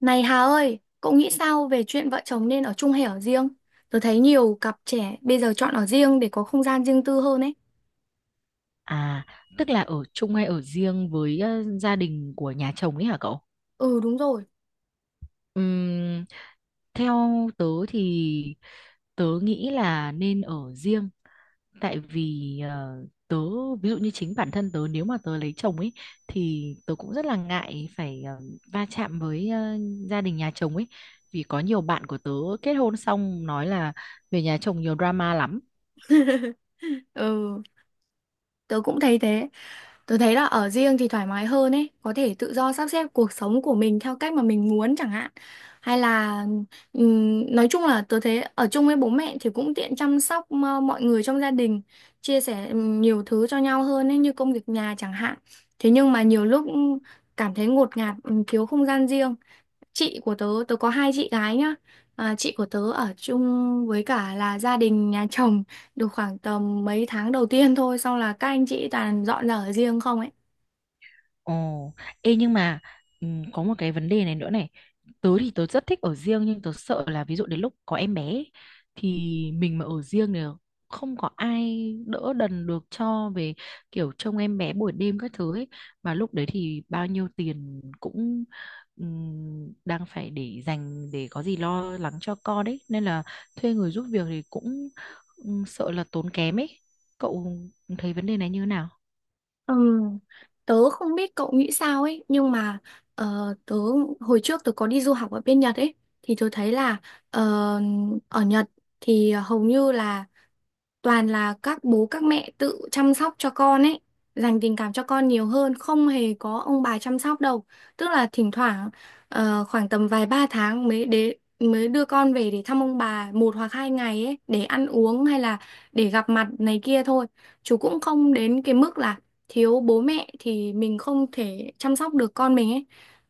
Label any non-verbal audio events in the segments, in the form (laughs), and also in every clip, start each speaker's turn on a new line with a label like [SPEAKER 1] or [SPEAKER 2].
[SPEAKER 1] Này Hà ơi, cậu nghĩ sao về chuyện vợ chồng nên ở chung hay ở riêng? Tớ thấy nhiều cặp trẻ bây giờ chọn ở riêng để có không gian riêng tư hơn ấy.
[SPEAKER 2] À, tức là ở chung hay ở riêng với gia đình của nhà chồng ấy hả cậu?
[SPEAKER 1] Ừ, đúng rồi.
[SPEAKER 2] Ừm, Theo tớ thì tớ nghĩ là nên ở riêng, tại vì tớ ví dụ như chính bản thân tớ, nếu mà tớ lấy chồng ấy thì tớ cũng rất là ngại phải va chạm với gia đình nhà chồng ấy, vì có nhiều bạn của tớ kết hôn xong nói là về nhà chồng nhiều drama lắm.
[SPEAKER 1] Ừ, tớ cũng thấy thế. Tớ thấy là ở riêng thì thoải mái hơn ấy, có thể tự do sắp xếp cuộc sống của mình theo cách mà mình muốn chẳng hạn. Hay là nói chung là tớ thấy ở chung với bố mẹ thì cũng tiện chăm sóc mọi người trong gia đình, chia sẻ nhiều thứ cho nhau hơn ấy, như công việc nhà chẳng hạn. Thế nhưng mà nhiều lúc cảm thấy ngột ngạt, thiếu không gian riêng. Chị của tớ, tớ có hai chị gái nhá. Chị của tớ ở chung với cả là gia đình nhà chồng được khoảng tầm mấy tháng đầu tiên thôi, xong là các anh chị toàn dọn ra ở riêng không ấy.
[SPEAKER 2] Ồ, ê, nhưng mà có một cái vấn đề này nữa này. Tớ thì tớ rất thích ở riêng, nhưng tớ sợ là ví dụ đến lúc có em bé ấy, thì mình mà ở riêng thì không có ai đỡ đần được cho về, kiểu trông em bé buổi đêm các thứ ấy. Mà lúc đấy thì bao nhiêu tiền cũng đang phải để dành để có gì lo lắng cho con đấy. Nên là thuê người giúp việc thì cũng sợ là tốn kém ấy. Cậu thấy vấn đề này như thế nào?
[SPEAKER 1] Ừ, tớ không biết cậu nghĩ sao ấy, nhưng mà ờ, tớ hồi trước tớ có đi du học ở bên Nhật ấy, thì tớ thấy là ờ, ở Nhật thì hầu như là toàn là các bố các mẹ tự chăm sóc cho con ấy, dành tình cảm cho con nhiều hơn, không hề có ông bà chăm sóc đâu. Tức là thỉnh thoảng khoảng tầm vài ba tháng mới mới đưa con về để thăm ông bà một hoặc hai ngày ấy, để ăn uống hay là để gặp mặt này kia thôi. Chú cũng không đến cái mức là thiếu bố mẹ thì mình không thể chăm sóc được con mình ấy.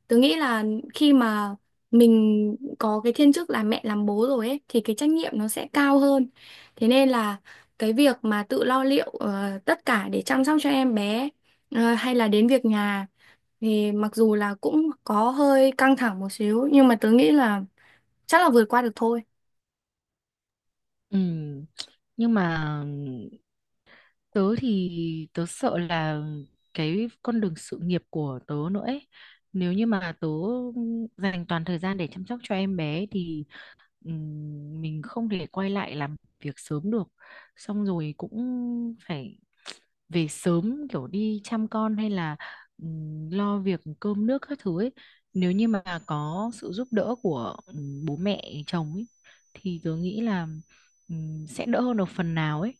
[SPEAKER 1] Tớ nghĩ là khi mà mình có cái thiên chức là mẹ làm bố rồi ấy, thì cái trách nhiệm nó sẽ cao hơn. Thế nên là cái việc mà tự lo liệu tất cả để chăm sóc cho em bé, hay là đến việc nhà, thì mặc dù là cũng có hơi căng thẳng một xíu, nhưng mà tớ nghĩ là chắc là vượt qua được thôi.
[SPEAKER 2] Ừ. Nhưng mà tớ thì tớ sợ là cái con đường sự nghiệp của tớ nữa ấy. Nếu như mà tớ dành toàn thời gian để chăm sóc cho em bé thì mình không thể quay lại làm việc sớm được, xong rồi cũng phải về sớm kiểu đi chăm con, hay là lo việc cơm nước các thứ ấy. Nếu như mà có sự giúp đỡ của bố mẹ chồng ấy thì tớ nghĩ là sẽ đỡ hơn được phần nào ấy.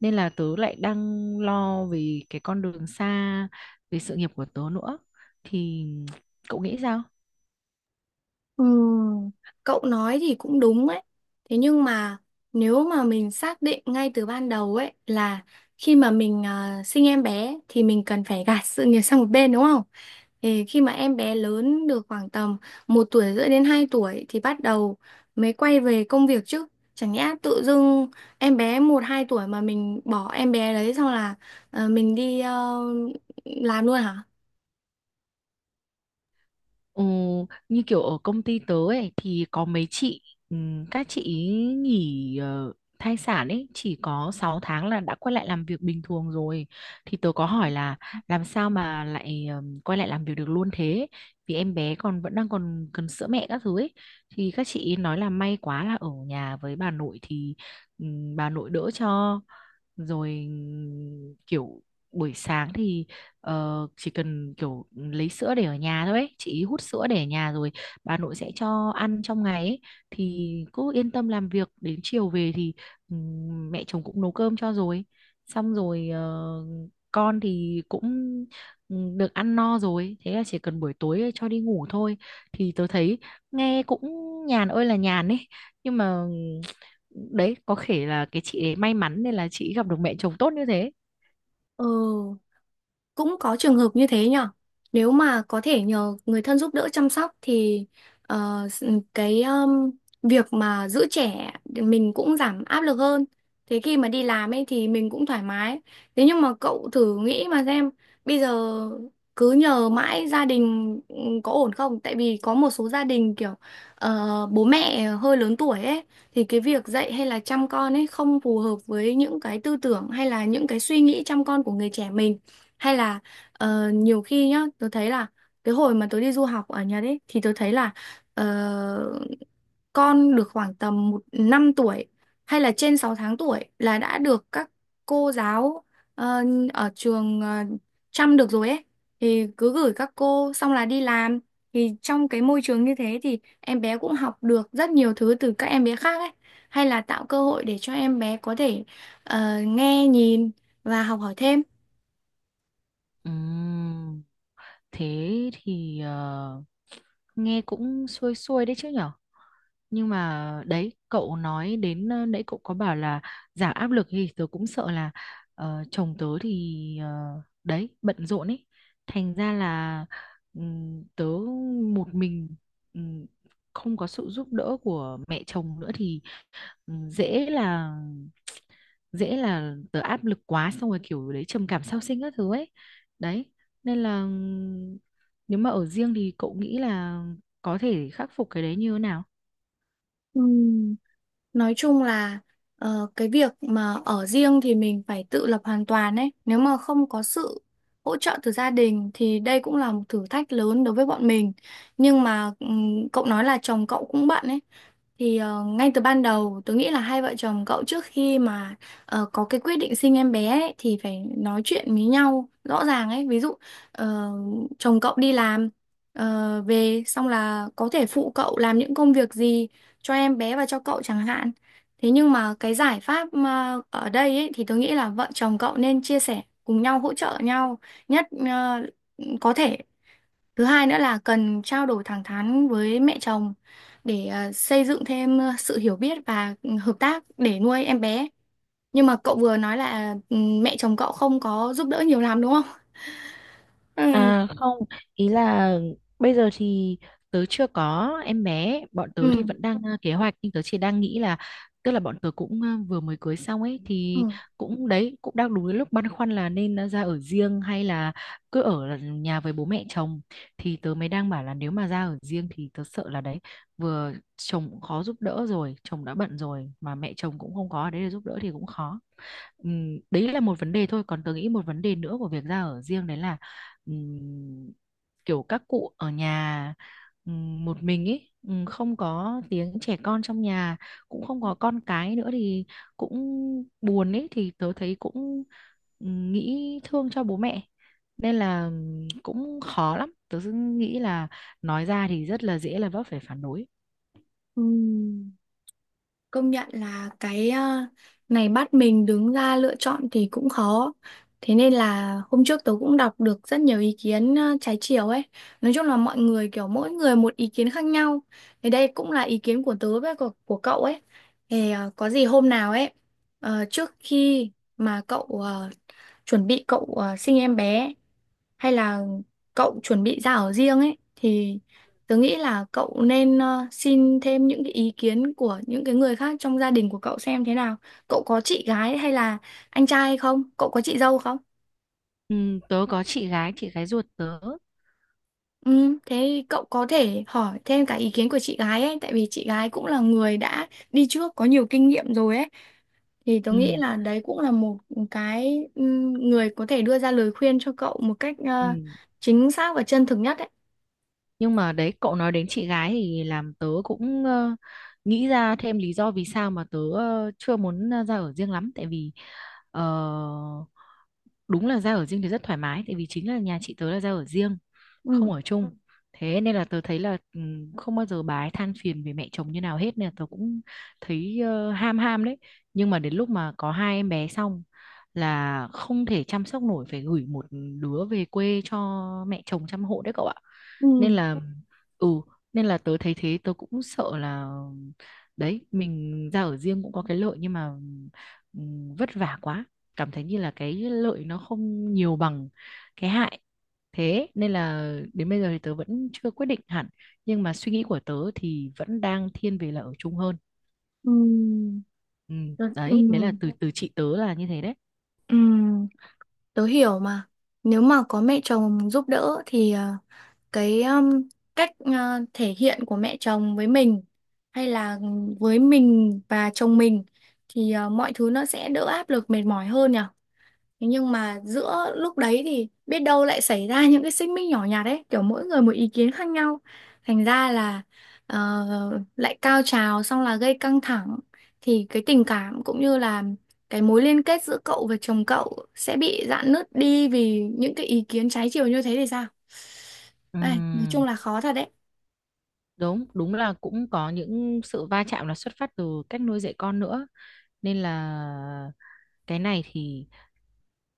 [SPEAKER 2] Nên là tớ lại đang lo về cái con đường xa, về sự nghiệp của tớ nữa, thì cậu nghĩ sao?
[SPEAKER 1] Ừm, Cậu nói thì cũng đúng ấy. Thế nhưng mà nếu mà mình xác định ngay từ ban đầu ấy là khi mà mình sinh em bé thì mình cần phải gạt sự nghiệp sang một bên, đúng không? Ê, khi mà em bé lớn được khoảng tầm một tuổi rưỡi đến 2 tuổi thì bắt đầu mới quay về công việc chứ. Chẳng nhẽ tự dưng em bé một hai tuổi mà mình bỏ em bé đấy, xong là mình đi làm luôn hả?
[SPEAKER 2] Ừ, như kiểu ở công ty tớ ấy thì có mấy chị, ừ, các chị ý nghỉ thai sản ấy chỉ có 6 tháng là đã quay lại làm việc bình thường rồi. Thì tớ có hỏi là làm sao mà lại quay lại làm việc được luôn thế, vì em bé còn vẫn đang còn cần sữa mẹ các thứ ấy. Thì các chị ý nói là may quá là ở nhà với bà nội thì bà nội đỡ cho, rồi kiểu buổi sáng thì chỉ cần kiểu lấy sữa để ở nhà thôi ấy. Chị hút sữa để ở nhà rồi bà nội sẽ cho ăn trong ngày ấy. Thì cứ yên tâm làm việc, đến chiều về thì mẹ chồng cũng nấu cơm cho rồi, xong rồi con thì cũng được ăn no rồi, thế là chỉ cần buổi tối cho đi ngủ thôi. Thì tớ thấy nghe cũng nhàn ơi là nhàn ấy, nhưng mà đấy có thể là cái chị ấy may mắn nên là chị gặp được mẹ chồng tốt như thế.
[SPEAKER 1] Ừ, cũng có trường hợp như thế nhở. Nếu mà có thể nhờ người thân giúp đỡ chăm sóc thì ờ, s- ừ, cái việc mà giữ trẻ thì mình cũng giảm áp lực hơn, thế khi mà đi làm ấy thì mình cũng thoải mái. Thế nhưng mà cậu thử nghĩ mà xem, bây giờ cứ nhờ mãi gia đình có ổn không? Tại vì có một số gia đình kiểu bố mẹ hơi lớn tuổi ấy, thì cái việc dạy hay là chăm con ấy không phù hợp với những cái tư tưởng hay là những cái suy nghĩ chăm con của người trẻ mình. Hay là nhiều khi nhá, tôi thấy là cái hồi mà tôi đi du học ở Nhật ấy, thì tôi thấy là ờ, con được khoảng tầm một năm tuổi hay là trên 6 tháng tuổi là đã được các cô giáo ờ, ở trường chăm được rồi ấy. Thì cứ gửi các cô xong là đi làm, thì trong cái môi trường như thế thì em bé cũng học được rất nhiều thứ từ các em bé khác ấy. Hay là tạo cơ hội để cho em bé có thể nghe nhìn và học hỏi thêm.
[SPEAKER 2] Ừm. Thế thì nghe cũng xuôi xuôi đấy chứ nhở. Nhưng mà đấy, cậu nói đến nãy cậu có bảo là giảm áp lực, thì tớ cũng sợ là chồng tớ thì đấy, bận rộn ấy, thành ra là tớ một mình, ừm, không có sự giúp đỡ của mẹ chồng nữa, thì ừ, dễ là dễ là tớ áp lực quá, xong rồi kiểu đấy trầm cảm sau sinh các thứ ấy. Đấy, nên là nếu mà ở riêng thì cậu nghĩ là có thể khắc phục cái đấy như thế nào?
[SPEAKER 1] Ừ. Nói chung là cái việc mà ở riêng thì mình phải tự lập hoàn toàn ấy. Nếu mà không có sự hỗ trợ từ gia đình thì đây cũng là một thử thách lớn đối với bọn mình. Nhưng mà cậu nói là chồng cậu cũng bận ấy. Thì ngay từ ban đầu tớ nghĩ là hai vợ chồng cậu trước khi mà có cái quyết định sinh em bé ấy, thì phải nói chuyện với nhau rõ ràng ấy. Ví dụ ờ, chồng cậu đi làm về xong là có thể phụ cậu làm những công việc gì cho em bé và cho cậu chẳng hạn. Thế nhưng mà cái giải pháp mà ở đây ấy, thì tôi nghĩ là vợ chồng cậu nên chia sẻ cùng nhau, hỗ trợ nhau nhất có thể. Thứ hai nữa là cần trao đổi thẳng thắn với mẹ chồng để xây dựng thêm sự hiểu biết và hợp tác để nuôi em bé. Nhưng mà cậu vừa nói là ừ, mẹ chồng cậu không có giúp đỡ nhiều lắm đúng không?
[SPEAKER 2] À
[SPEAKER 1] (laughs)
[SPEAKER 2] không, ý là bây giờ thì tớ chưa có em bé, bọn
[SPEAKER 1] Ừ.
[SPEAKER 2] tớ thì
[SPEAKER 1] Ừ.
[SPEAKER 2] vẫn đang kế hoạch, nhưng tớ chỉ đang nghĩ là, tức là bọn tớ cũng vừa mới cưới xong ấy, thì
[SPEAKER 1] Ừ.
[SPEAKER 2] cũng đấy, cũng đang đúng cái lúc băn khoăn là nên ra ở riêng hay là cứ ở nhà với bố mẹ chồng. Thì tớ mới đang bảo là nếu mà ra ở riêng thì tớ sợ là đấy, vừa chồng cũng khó giúp đỡ rồi, chồng đã bận rồi mà mẹ chồng cũng không có ở đấy để giúp đỡ thì cũng khó. Đấy là một vấn đề thôi, còn tớ nghĩ một vấn đề nữa của việc ra ở riêng đấy là ừm, kiểu các cụ ở nhà một mình ấy, không có tiếng trẻ con trong nhà, cũng không có con cái nữa thì cũng buồn ấy. Thì tớ thấy cũng nghĩ thương cho bố mẹ, nên là cũng khó lắm. Tớ cứ nghĩ là nói ra thì rất là dễ là vấp phải phản đối.
[SPEAKER 1] Ừ. Công nhận là cái này bắt mình đứng ra lựa chọn thì cũng khó. Thế nên là hôm trước tớ cũng đọc được rất nhiều ý kiến trái chiều ấy. Nói chung là mọi người kiểu mỗi người một ý kiến khác nhau. Thì đây cũng là ý kiến của tớ với của cậu ấy. Thì có gì hôm nào ấy, trước khi mà cậu chuẩn bị cậu sinh em bé hay là cậu chuẩn bị ra ở riêng ấy, thì tớ nghĩ là cậu nên xin thêm những cái ý kiến của những cái người khác trong gia đình của cậu xem thế nào. Cậu có chị gái hay là anh trai hay không? Cậu có chị dâu không?
[SPEAKER 2] Tớ có chị gái, chị gái ruột tớ.
[SPEAKER 1] Ừ, thế cậu có thể hỏi thêm cả ý kiến của chị gái ấy, tại vì chị gái cũng là người đã đi trước, có nhiều kinh nghiệm rồi ấy. Thì tôi nghĩ
[SPEAKER 2] Ừm,
[SPEAKER 1] là đấy cũng là một cái người có thể đưa ra lời khuyên cho cậu một cách
[SPEAKER 2] ừm.
[SPEAKER 1] chính xác và chân thực nhất ấy.
[SPEAKER 2] Nhưng mà đấy, cậu nói đến chị gái thì làm tớ cũng nghĩ ra thêm lý do vì sao mà tớ chưa muốn ra ở riêng lắm, tại vì ờ, đúng là ra ở riêng thì rất thoải mái, tại vì chính là nhà chị tớ là ra ở riêng,
[SPEAKER 1] Ừ.
[SPEAKER 2] không ở, ừ, chung. Thế nên là tớ thấy là không bao giờ bà ấy than phiền về mẹ chồng như nào hết, nên là tớ cũng thấy ham ham đấy. Nhưng mà đến lúc mà có hai em bé xong là không thể chăm sóc nổi, phải gửi một đứa về quê cho mẹ chồng chăm hộ đấy cậu ạ.
[SPEAKER 1] Ừ.
[SPEAKER 2] Nên là ừ nên là tớ thấy thế, tớ cũng sợ là đấy, mình ra ở riêng cũng có cái lợi nhưng mà vất vả quá, cảm thấy như là cái lợi nó không nhiều bằng cái hại. Thế nên là đến bây giờ thì tớ vẫn chưa quyết định hẳn, nhưng mà suy nghĩ của tớ thì vẫn đang thiên về là ở chung hơn.
[SPEAKER 1] Ừ.
[SPEAKER 2] Ừ,
[SPEAKER 1] tớ, ừ,
[SPEAKER 2] đấy đấy là từ từ chị tớ là như thế đấy.
[SPEAKER 1] ừ. Tớ hiểu mà. Nếu mà có mẹ chồng giúp đỡ thì cái um, cách ờ, thể hiện của mẹ chồng với mình, hay là với mình và chồng mình, thì mọi thứ nó sẽ đỡ áp lực, mệt mỏi hơn nhỉ. Thế nhưng mà giữa lúc đấy thì biết đâu lại xảy ra những cái xích mích nhỏ nhặt ấy, kiểu mỗi người một ý kiến khác nhau. Thành ra là lại cao trào, xong là gây căng thẳng, thì cái tình cảm cũng như là cái mối liên kết giữa cậu và chồng cậu sẽ bị rạn nứt đi vì những cái ý kiến trái chiều như thế thì sao? Đây, nói
[SPEAKER 2] Ừm,
[SPEAKER 1] chung là khó thật đấy.
[SPEAKER 2] đúng đúng là cũng có những sự va chạm là xuất phát từ cách nuôi dạy con nữa, nên là cái này thì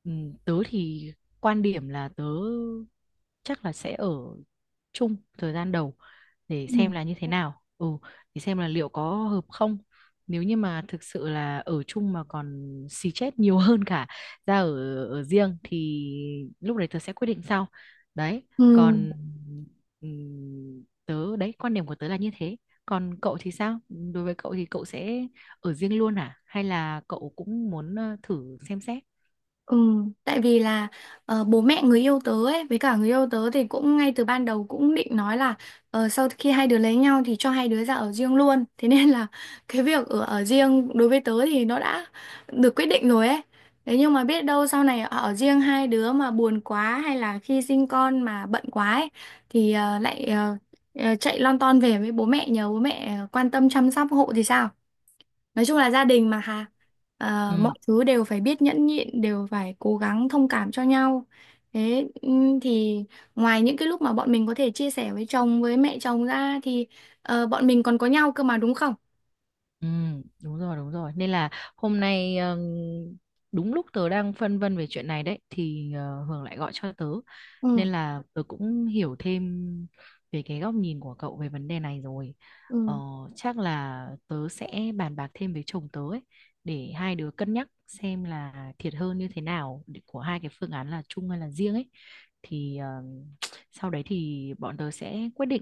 [SPEAKER 2] ừ, tớ thì quan điểm là tớ chắc là sẽ ở chung thời gian đầu để
[SPEAKER 1] Ừ.
[SPEAKER 2] xem là như thế nào, để xem là liệu có hợp không. Nếu như mà thực sự là ở chung mà còn xì chết nhiều (laughs) hơn cả ra ở ở riêng thì lúc đấy tớ sẽ quyết định sau. Đấy,
[SPEAKER 1] Ừ.
[SPEAKER 2] còn tớ đấy, quan điểm của tớ là như thế. Còn cậu thì sao? Đối với cậu thì cậu sẽ ở riêng luôn hả? Hay là cậu cũng muốn thử xem xét?
[SPEAKER 1] Ừ, tại vì là bố mẹ người yêu tớ ấy với cả người yêu tớ thì cũng ngay từ ban đầu cũng định nói là sau khi hai đứa lấy nhau thì cho hai đứa ra ở riêng luôn. (laughs) Thế nên là cái việc ở ở riêng đối với tớ thì nó đã được quyết định rồi ấy. Thế nhưng mà biết đâu sau này ở riêng hai đứa mà buồn quá, hay là khi sinh con mà bận quá ấy, thì lại chạy lon ton về với bố mẹ, nhờ bố mẹ quan tâm chăm sóc hộ thì sao? Nói chung là gia đình mà Hà. Ờ,
[SPEAKER 2] Ừ.
[SPEAKER 1] mọi thứ đều phải biết nhẫn nhịn, đều phải cố gắng thông cảm cho nhau. Thế thì ngoài những cái lúc mà bọn mình có thể chia sẻ với chồng, với mẹ chồng ra, thì bọn mình còn có nhau cơ mà đúng không?
[SPEAKER 2] Ừ, đúng rồi, đúng rồi. Nên là hôm nay đúng lúc tớ đang phân vân về chuyện này đấy thì Hường lại gọi cho tớ. Nên
[SPEAKER 1] Ừ.
[SPEAKER 2] là tớ cũng hiểu thêm về cái góc nhìn của cậu về vấn đề này rồi. Ờ,
[SPEAKER 1] Ừ.
[SPEAKER 2] Chắc là tớ sẽ bàn bạc thêm với chồng tớ ấy, để hai đứa cân nhắc xem là thiệt hơn như thế nào của hai cái phương án là chung hay là riêng ấy. Thì sau đấy thì bọn tớ sẽ quyết định.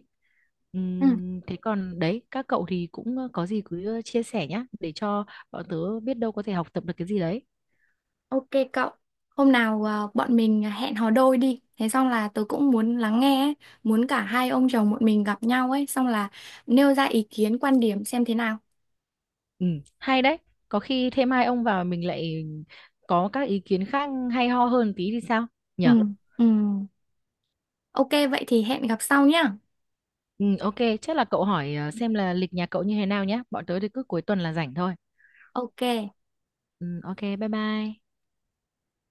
[SPEAKER 1] Ừ.
[SPEAKER 2] Thế còn đấy, các cậu thì cũng có gì cứ chia sẻ nhá, để cho bọn tớ biết đâu có thể học tập được cái gì đấy.
[SPEAKER 1] OK, cậu hôm nào bọn mình hẹn hò đôi đi, thế xong là tớ cũng muốn lắng nghe ấy. Muốn cả hai ông chồng bọn mình gặp nhau ấy, xong là nêu ra ý kiến, quan điểm xem thế nào.
[SPEAKER 2] Ừ, hay đấy, có khi thêm hai ông vào mình lại có các ý kiến khác hay ho hơn tí thì sao nhở.
[SPEAKER 1] Ừ. Ừ. OK, vậy thì hẹn gặp sau nhá.
[SPEAKER 2] Ừ, ok, chắc là cậu hỏi xem là lịch nhà cậu như thế nào nhá, bọn tớ thì cứ cuối tuần là rảnh thôi.
[SPEAKER 1] OK.
[SPEAKER 2] Ừ, ok, bye bye.